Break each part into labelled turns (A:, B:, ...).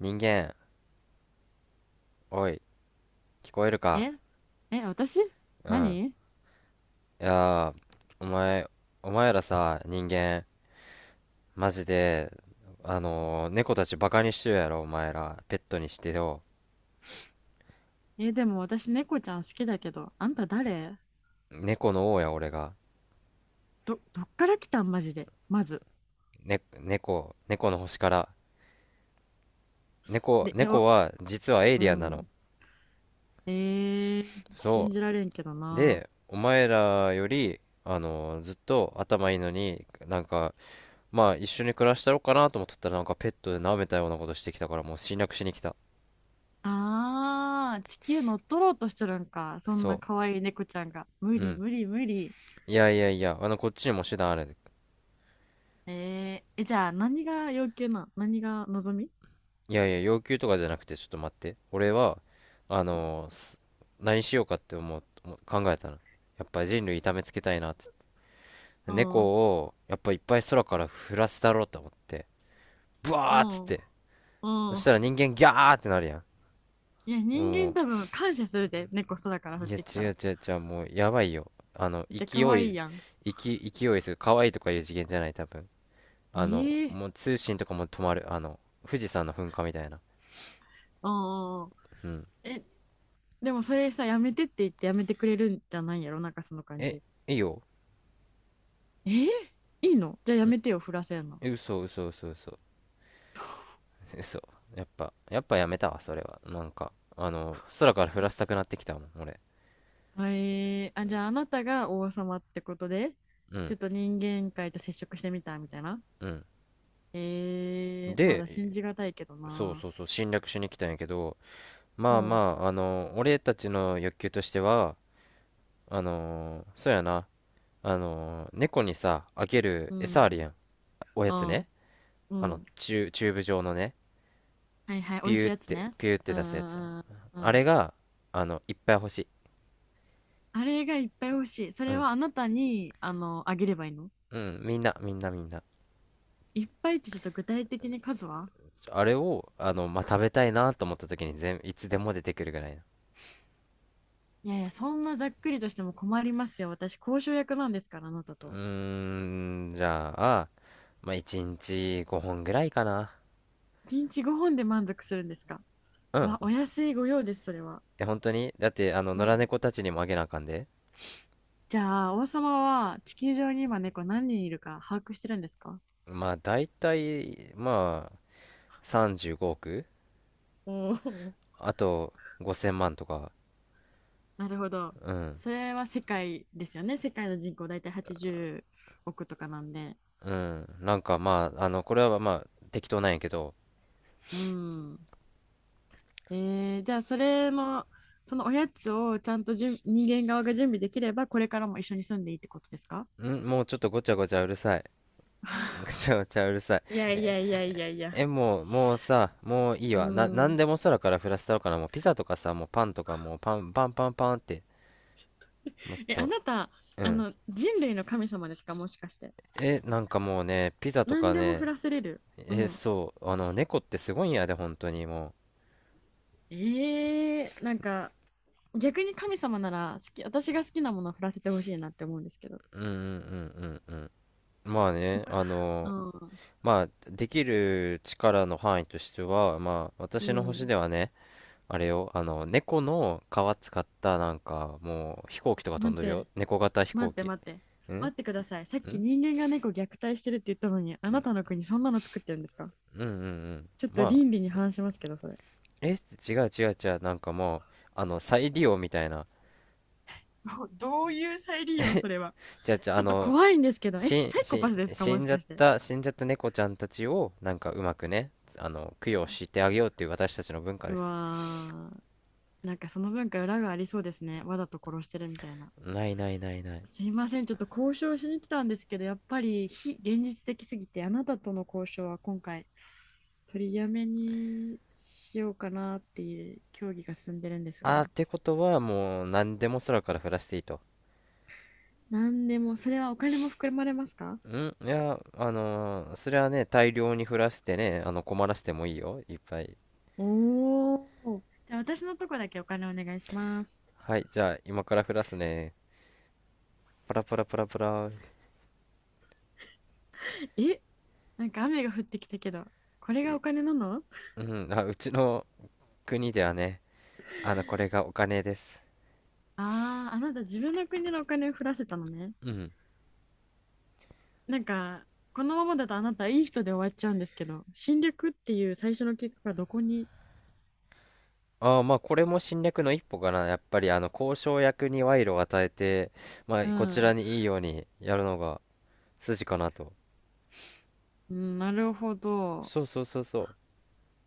A: 人間、おい、聞こえるか？
B: ええ、私？
A: うん。
B: 何？
A: いやー、お前、お前らさ、人間、マジで、猫たちバカにしてるやろ、お前ら。ペットにしてよ。
B: え、でも私猫ちゃん好きだけど、あんた誰？
A: 猫の王や、俺が。
B: どっから来たんマジで。まず。
A: ね、猫の星から。
B: で、え、お、
A: 猫は、実はエイ
B: う
A: リアンなの。
B: ん。えー、信
A: そ
B: じられんけど
A: う。
B: な。
A: で、お前らより、ずっと頭いいのに、なんか、まあ、一緒に暮らしたろうかなと思っとったら、なんかペットで舐めたようなことしてきたから、もう侵略しに来た。
B: あー、地球乗っ取ろうとしてるんか。そんな
A: そ
B: 可愛い猫ちゃんが。無
A: う。う
B: 理
A: ん。
B: 無理無理。
A: いやいやいや、あの、こっちにも手段ある。
B: えー、え、じゃあ何が要求なん？何が望み？
A: いやいや、要求とかじゃなくて、ちょっと待って。俺は、あのーす何しようかって思う考えたの。やっぱり人類痛めつけたいなって。
B: う
A: 猫
B: ん、う
A: を、やっぱいっぱい空から降らせたろうと思って。ブ
B: ん、
A: ワーっつっ
B: う
A: て。そしたら
B: ん。
A: 人間ギャーってなるや
B: いや、
A: ん。
B: 人間
A: も
B: 多分感謝するで、猫空から降
A: う、
B: っ
A: いや、
B: てき
A: 違
B: たら。だ
A: う違う違う、もう、やばいよ。あの、
B: って可愛いやん。
A: 勢勢いする。可愛いとかいう次元じゃない、多分。あの、
B: ええ。
A: もう通信とかも止まる。あの、富士山の噴火みたいな。
B: ああ。
A: うん。
B: え、でもそれさ、やめてって言ってやめてくれるんじゃないんやろ、なんかその感
A: え、
B: じ。
A: いいよ。
B: えー、いいの？じゃあやめてよ、振らせんの。
A: 嘘嘘 嘘。やっぱやめたわ、それは。なんかあの空から降らせたくなってきたもん、俺。
B: はい。あ、じゃああなたが王様ってことで、
A: う
B: ちょ
A: ん
B: っと人間界と接触してみたみたいな。
A: うん。
B: えー、まだ
A: で、
B: 信じがたいけど
A: そう
B: な。
A: そうそう、侵略しに来たんやけど、まあま
B: ほ
A: ああの俺たちの欲求としては、あのそうやな、あの猫にさあげる
B: う、う
A: 餌あるや
B: ん、
A: ん。おやつ
B: あ、
A: ね。
B: う
A: あの
B: ん。
A: チューブ状のね。
B: はいはい、美
A: ピ
B: 味し
A: ュ
B: い
A: ーっ
B: やつ
A: て
B: ね。
A: ピューっ
B: う
A: て
B: ん
A: 出すやつ、
B: うんうん。
A: あ
B: うん。
A: れが、あのいっぱい欲しい。
B: あれがいっぱい欲しい。そ
A: う
B: れ
A: ん
B: はあなたに、あの、あげればいいの？
A: うん。みんな。
B: いっぱいってちょっと具体的に数は？
A: あれを、あの、まあ、食べたいなと思った時に全、いつでも出てくるぐらいな。
B: いやいや、そんなざっくりとしても困りますよ。私、交渉役なんですから、あなた
A: う
B: と。
A: ーん、じゃあ、まあ、1日5本ぐらいかな。
B: 1日5本で満足するんですか？
A: うん。
B: わ、お安いご用です、それは。
A: え、本当にだって、あの、
B: う
A: 野良
B: ん。
A: 猫たちにもあげなあかんで。
B: じゃあ、王様は地球上に今猫何人いるか把握してるんですか？
A: まあ、大体、まあ、35億
B: おー。
A: あと、5000万とか。
B: なるほど。
A: うん。
B: それは世界ですよね。世界の人口大体80億とかなんで。
A: うん。なんか、まあ、あの、これはまあ、適当なんやけど。
B: うん。えー、じゃあ、それの、そのおやつをちゃんとじゅん人間側が準備できれば、これからも一緒に住んでいいってことですか？
A: ん、もうちょっとごちゃごちゃうるさい。ごちゃごちゃうるさい。
B: いやいやいやいやい
A: え、
B: や。
A: もう、もうさ、もういい
B: う
A: わ。な、なん
B: ん。
A: でも空から降らせたろかな。もうピザとかさ、もうパンとか、もうパン、パンパンパンって、もっ
B: え、あ
A: と、
B: なた、
A: う
B: あ
A: ん。
B: の、人類の神様ですか、もしかして。
A: え、なんかもうね、ピザと
B: 何
A: か
B: でも降
A: ね、
B: らせれる。う
A: え、
B: ん。
A: そう、あの、猫ってすごいんやで、本当にも
B: ええ、なんか、逆に神様なら、好き、私が好きなものを降らせてほしいなって思うんですけど。
A: う。んううん。まあね、
B: 僕は。
A: あ
B: う
A: の、
B: ん。
A: まあ、できる力の範囲としては、まあ、
B: う
A: 私の星
B: ん。
A: ではね、あれよ、あの、猫の皮使った、なんか、もう、飛行機とか飛
B: 待
A: ん
B: っ
A: でるよ。
B: て、
A: 猫型飛
B: 待
A: 行
B: って
A: 機。
B: 待って。
A: んん。
B: 待ってください。さっ
A: う
B: き
A: ん
B: 人間が猫虐待してるって言ったのに、あなたの国そんなの作ってるんですか？
A: うん。
B: ちょっと
A: まあ、
B: 倫理に反しますけど、それ。
A: え、違う、なんかもう、あの、再利用みたいな。
B: どういう再利用、それは。
A: じゃあ、
B: ち
A: あ
B: ょっと
A: の、
B: 怖いんですけど、え、サイコパスですか、もしかして。
A: 死んじゃった猫ちゃんたちを、なんかうまくね、あの、供養してあげようっていう私たちの文化
B: う
A: です。
B: わー、なんかその文化裏がありそうですね。わざと殺してるみたいな。
A: ない。
B: すいません、ちょっと交渉しに来たんですけど、やっぱり非現実的すぎて、あなたとの交渉は今回取りやめにしようかなっていう協議が進んでるんです
A: あー、
B: が、
A: ってことは、もう、何でも空から降らしていいと。
B: 何でも、それはお金も含まれますか？
A: ん、いや、それはね、大量に降らしてね、あの、困らせてもいいよ、いっぱい。
B: おおー。じゃあ私のとこだけお金お願いします。
A: はい、じゃあ、今から降らすね。パラパラパラパラ。
B: え、なんか雨が降ってきたけど、これが
A: い、
B: お金なの？
A: うん、あ、うちの国ではね、あの、これがお金です。
B: ああー、あなた自分の国のお金を降らせたのね。
A: うん。
B: なんか、このままだとあなたいい人で終わっちゃうんですけど、侵略っていう最初の結果がどこに、
A: ああ、まあこれも侵略の一歩かな。やっぱりあの交渉役に賄賂を与えて、まあ
B: う
A: こちら
B: ん、
A: にいいようにやるのが筋かなと。
B: うん、なるほど。
A: そうそうそうそう。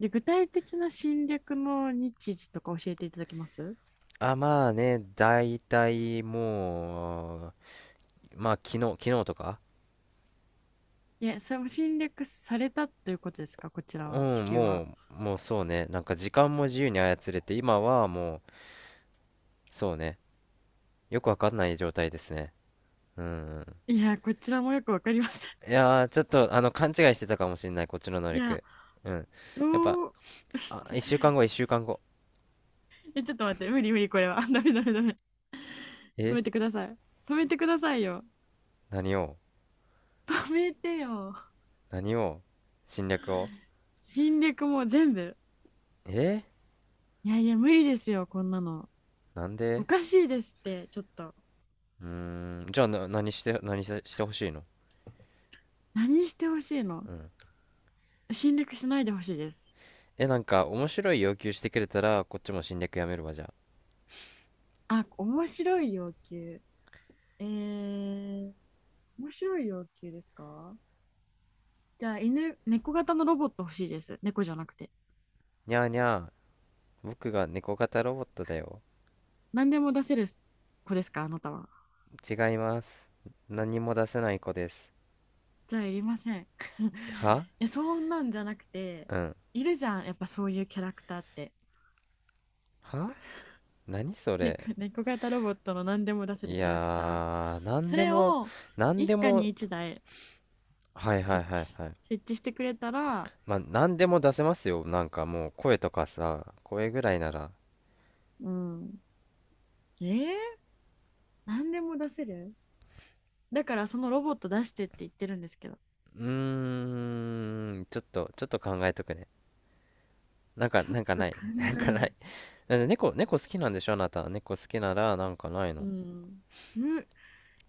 B: で、具体的な侵略の日時とか教えていただけます？
A: あ、まあね、だいたいもう、まあ昨日とか。
B: いや、それも侵略されたということですか、こちら
A: う
B: は、地
A: ん、
B: 球
A: も
B: は。
A: う、もうそうね。なんか時間も自由に操れて、今はもう、そうね。よくわかんない状態ですね。うん。
B: いや、こちらもよくわかりません。
A: いやー、ちょっとあの勘違いしてたかもしれない、こっちの能
B: いや、
A: 力。うん。やっぱ、
B: どう、
A: あ、
B: ちょ
A: 一週間後。
B: ちょっと待って、無理無理、これは。ダメダメダメ。止
A: え、
B: めてください。止めてくださいよ。
A: 何を？
B: 止めてよ。
A: 何を？侵略を？
B: 侵略も全部。
A: え、
B: いやいや、無理ですよ、こんなの。
A: なん
B: お
A: で？
B: かしいですって、ちょっと。
A: うーん、じゃあな、何せしてほしいの？
B: 何してほしいの？
A: うん。
B: 侵略しないでほしいです。
A: え、なんか、面白い要求してくれたら、こっちも侵略やめるわ、じゃあ。
B: あ、面白い要求。えー、面白い要求ですか？じゃあ、犬、猫型のロボット欲しいです。猫じゃなくて。
A: にゃーにゃー、僕が猫型ロボットだよ。
B: 何でも出せる子ですか、あなたは。
A: 違います。何も出せない子です。
B: じゃあ、いりません。い
A: は、
B: や、そんなんじゃなくて、
A: うん。
B: いるじゃん、やっぱそういうキャラクターって。
A: 何それ？
B: 猫型ロボットの何でも出せる
A: い
B: キャラクター。
A: やー、
B: それを
A: 何
B: 一
A: で
B: 家
A: も、
B: に一台
A: はいはいはいはい。
B: 設置してくれたら、
A: まあ、何でも出せますよ。なんかもう、声とかさ、声ぐらいなら。
B: うん。えー、何でも出せる、だからそのロボット出してって言ってるんですけど、
A: うーん、ちょっと考えとくね。なんか、
B: ちょ
A: な
B: っ
A: んか
B: と
A: な
B: 考
A: い。なんか
B: え
A: ない。
B: る。
A: だって猫好きなんでしょあなた。猫好きなら、なんかない
B: う
A: の？
B: ん。む、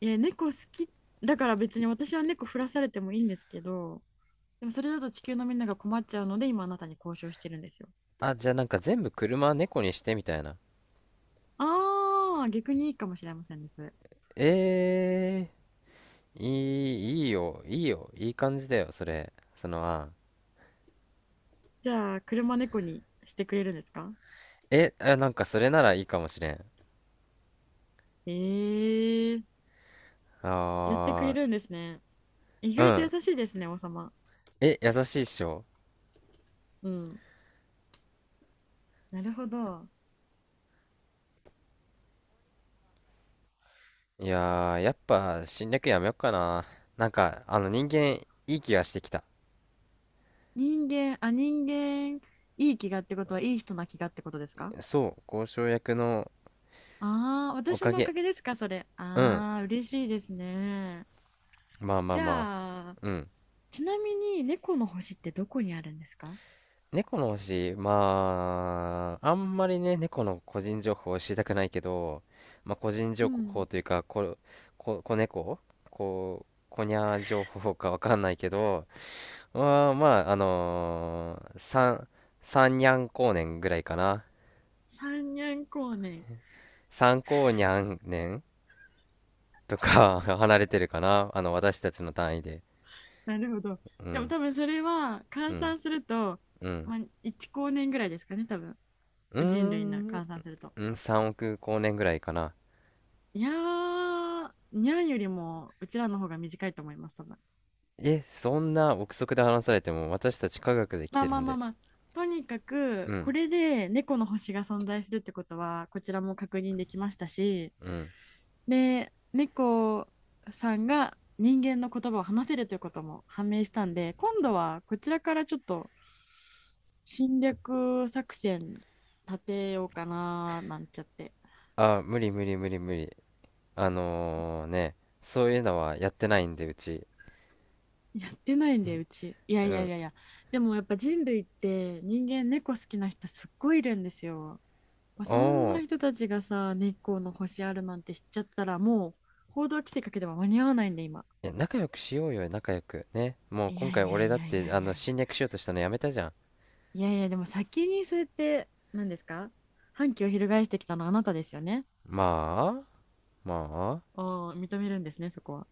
B: いや、猫好き。だから別に私は猫振らされてもいいんですけど、でもそれだと地球のみんなが困っちゃうので、今あなたに交渉してるんですよ。
A: あ、じゃあなんか全部車猫にしてみたいな。
B: ああ、逆にいいかもしれませんね、それ。
A: えー、いいよ、いいよ。いい感じだよ、それ。その案。
B: じゃあ、車猫にしてくれるんですか？
A: え、あ、なんかそれならいいかもしれん。
B: ええー。やってくれ
A: あ
B: るんですね。意
A: ー、う
B: 外と
A: ん。
B: 優しいですね、王様。
A: え、優しいっしょ？
B: うん。なるほど。
A: いやー、やっぱ侵略やめよっかな。なんか、あの人間、いい気がしてきた。
B: 人間、あ、人間、いい気がってことは、いい人な気がってことですか？
A: そう、交渉役の
B: ああー、
A: お
B: 私
A: か
B: のおか
A: げ。
B: げですか、それ。
A: うん。
B: ああ、嬉しいですね。
A: まあまあ
B: じ
A: ま
B: ゃあ、
A: あ。うん。
B: ちなみに、猫の星ってどこにあるんですか？
A: 猫の星、まあ、あんまりね、猫の個人情報を知りたくないけど、まあ個人情
B: う
A: 報
B: ん。
A: というか、子猫、こにゃー情報かわかんないけど、まあまあ、三にゃん光年ぐらいかな。
B: 三年光年。
A: 三光にゃん年とか 離れてるかな。あの、私たちの単位で。
B: なるほど。
A: う
B: でも
A: ん、
B: 多分それは、
A: う
B: 換
A: ん、
B: 算すると、
A: うん。
B: まあ、1光年ぐらいですかね、多分。
A: うー
B: 人類の
A: ん、う
B: 換算すると。
A: ねん、3億光年ぐらいかな。
B: いやー、にゃんよりもうちらの方が短いと思います、多分。
A: え、そんな憶測で話されても私たち科学で来
B: まあ
A: て
B: ま
A: る
B: あ
A: ん
B: まあ
A: で。
B: まあ、とにか
A: う
B: く、こ
A: ん、
B: れで猫の星が存在するってことは、こちらも確認できましたし、
A: うん。
B: で、猫さんが人間の言葉を話せるということも判明したんで、今度はこちらからちょっと侵略作戦立てようかな、なんちゃって。
A: あ、無理無理。ね、そういうのはやってないんで、うち。
B: やってないんで、うち。いや
A: う
B: いやい
A: ん。
B: やいや。でもやっぱ人類って人間猫好きな人すっごいいるんですよ。まあ
A: お
B: そんな
A: お。
B: 人たちがさ、日光の星あるなんて知っちゃったら、もう報道規制かけては間に合わないんで、今。
A: いや、仲良くしようよ、仲良く。ね。もう
B: い
A: 今
B: や
A: 回
B: いや
A: 俺
B: い
A: だっ
B: やい
A: て、
B: や
A: あ
B: いや
A: の、
B: い
A: 侵
B: や。
A: 略しようとしたのやめたじゃん。
B: いやいや、でも先にそうやって、何ですか？反旗を翻してきたのはあなたですよね。
A: まあ、まあ。
B: ああ、認めるんですね、そこは。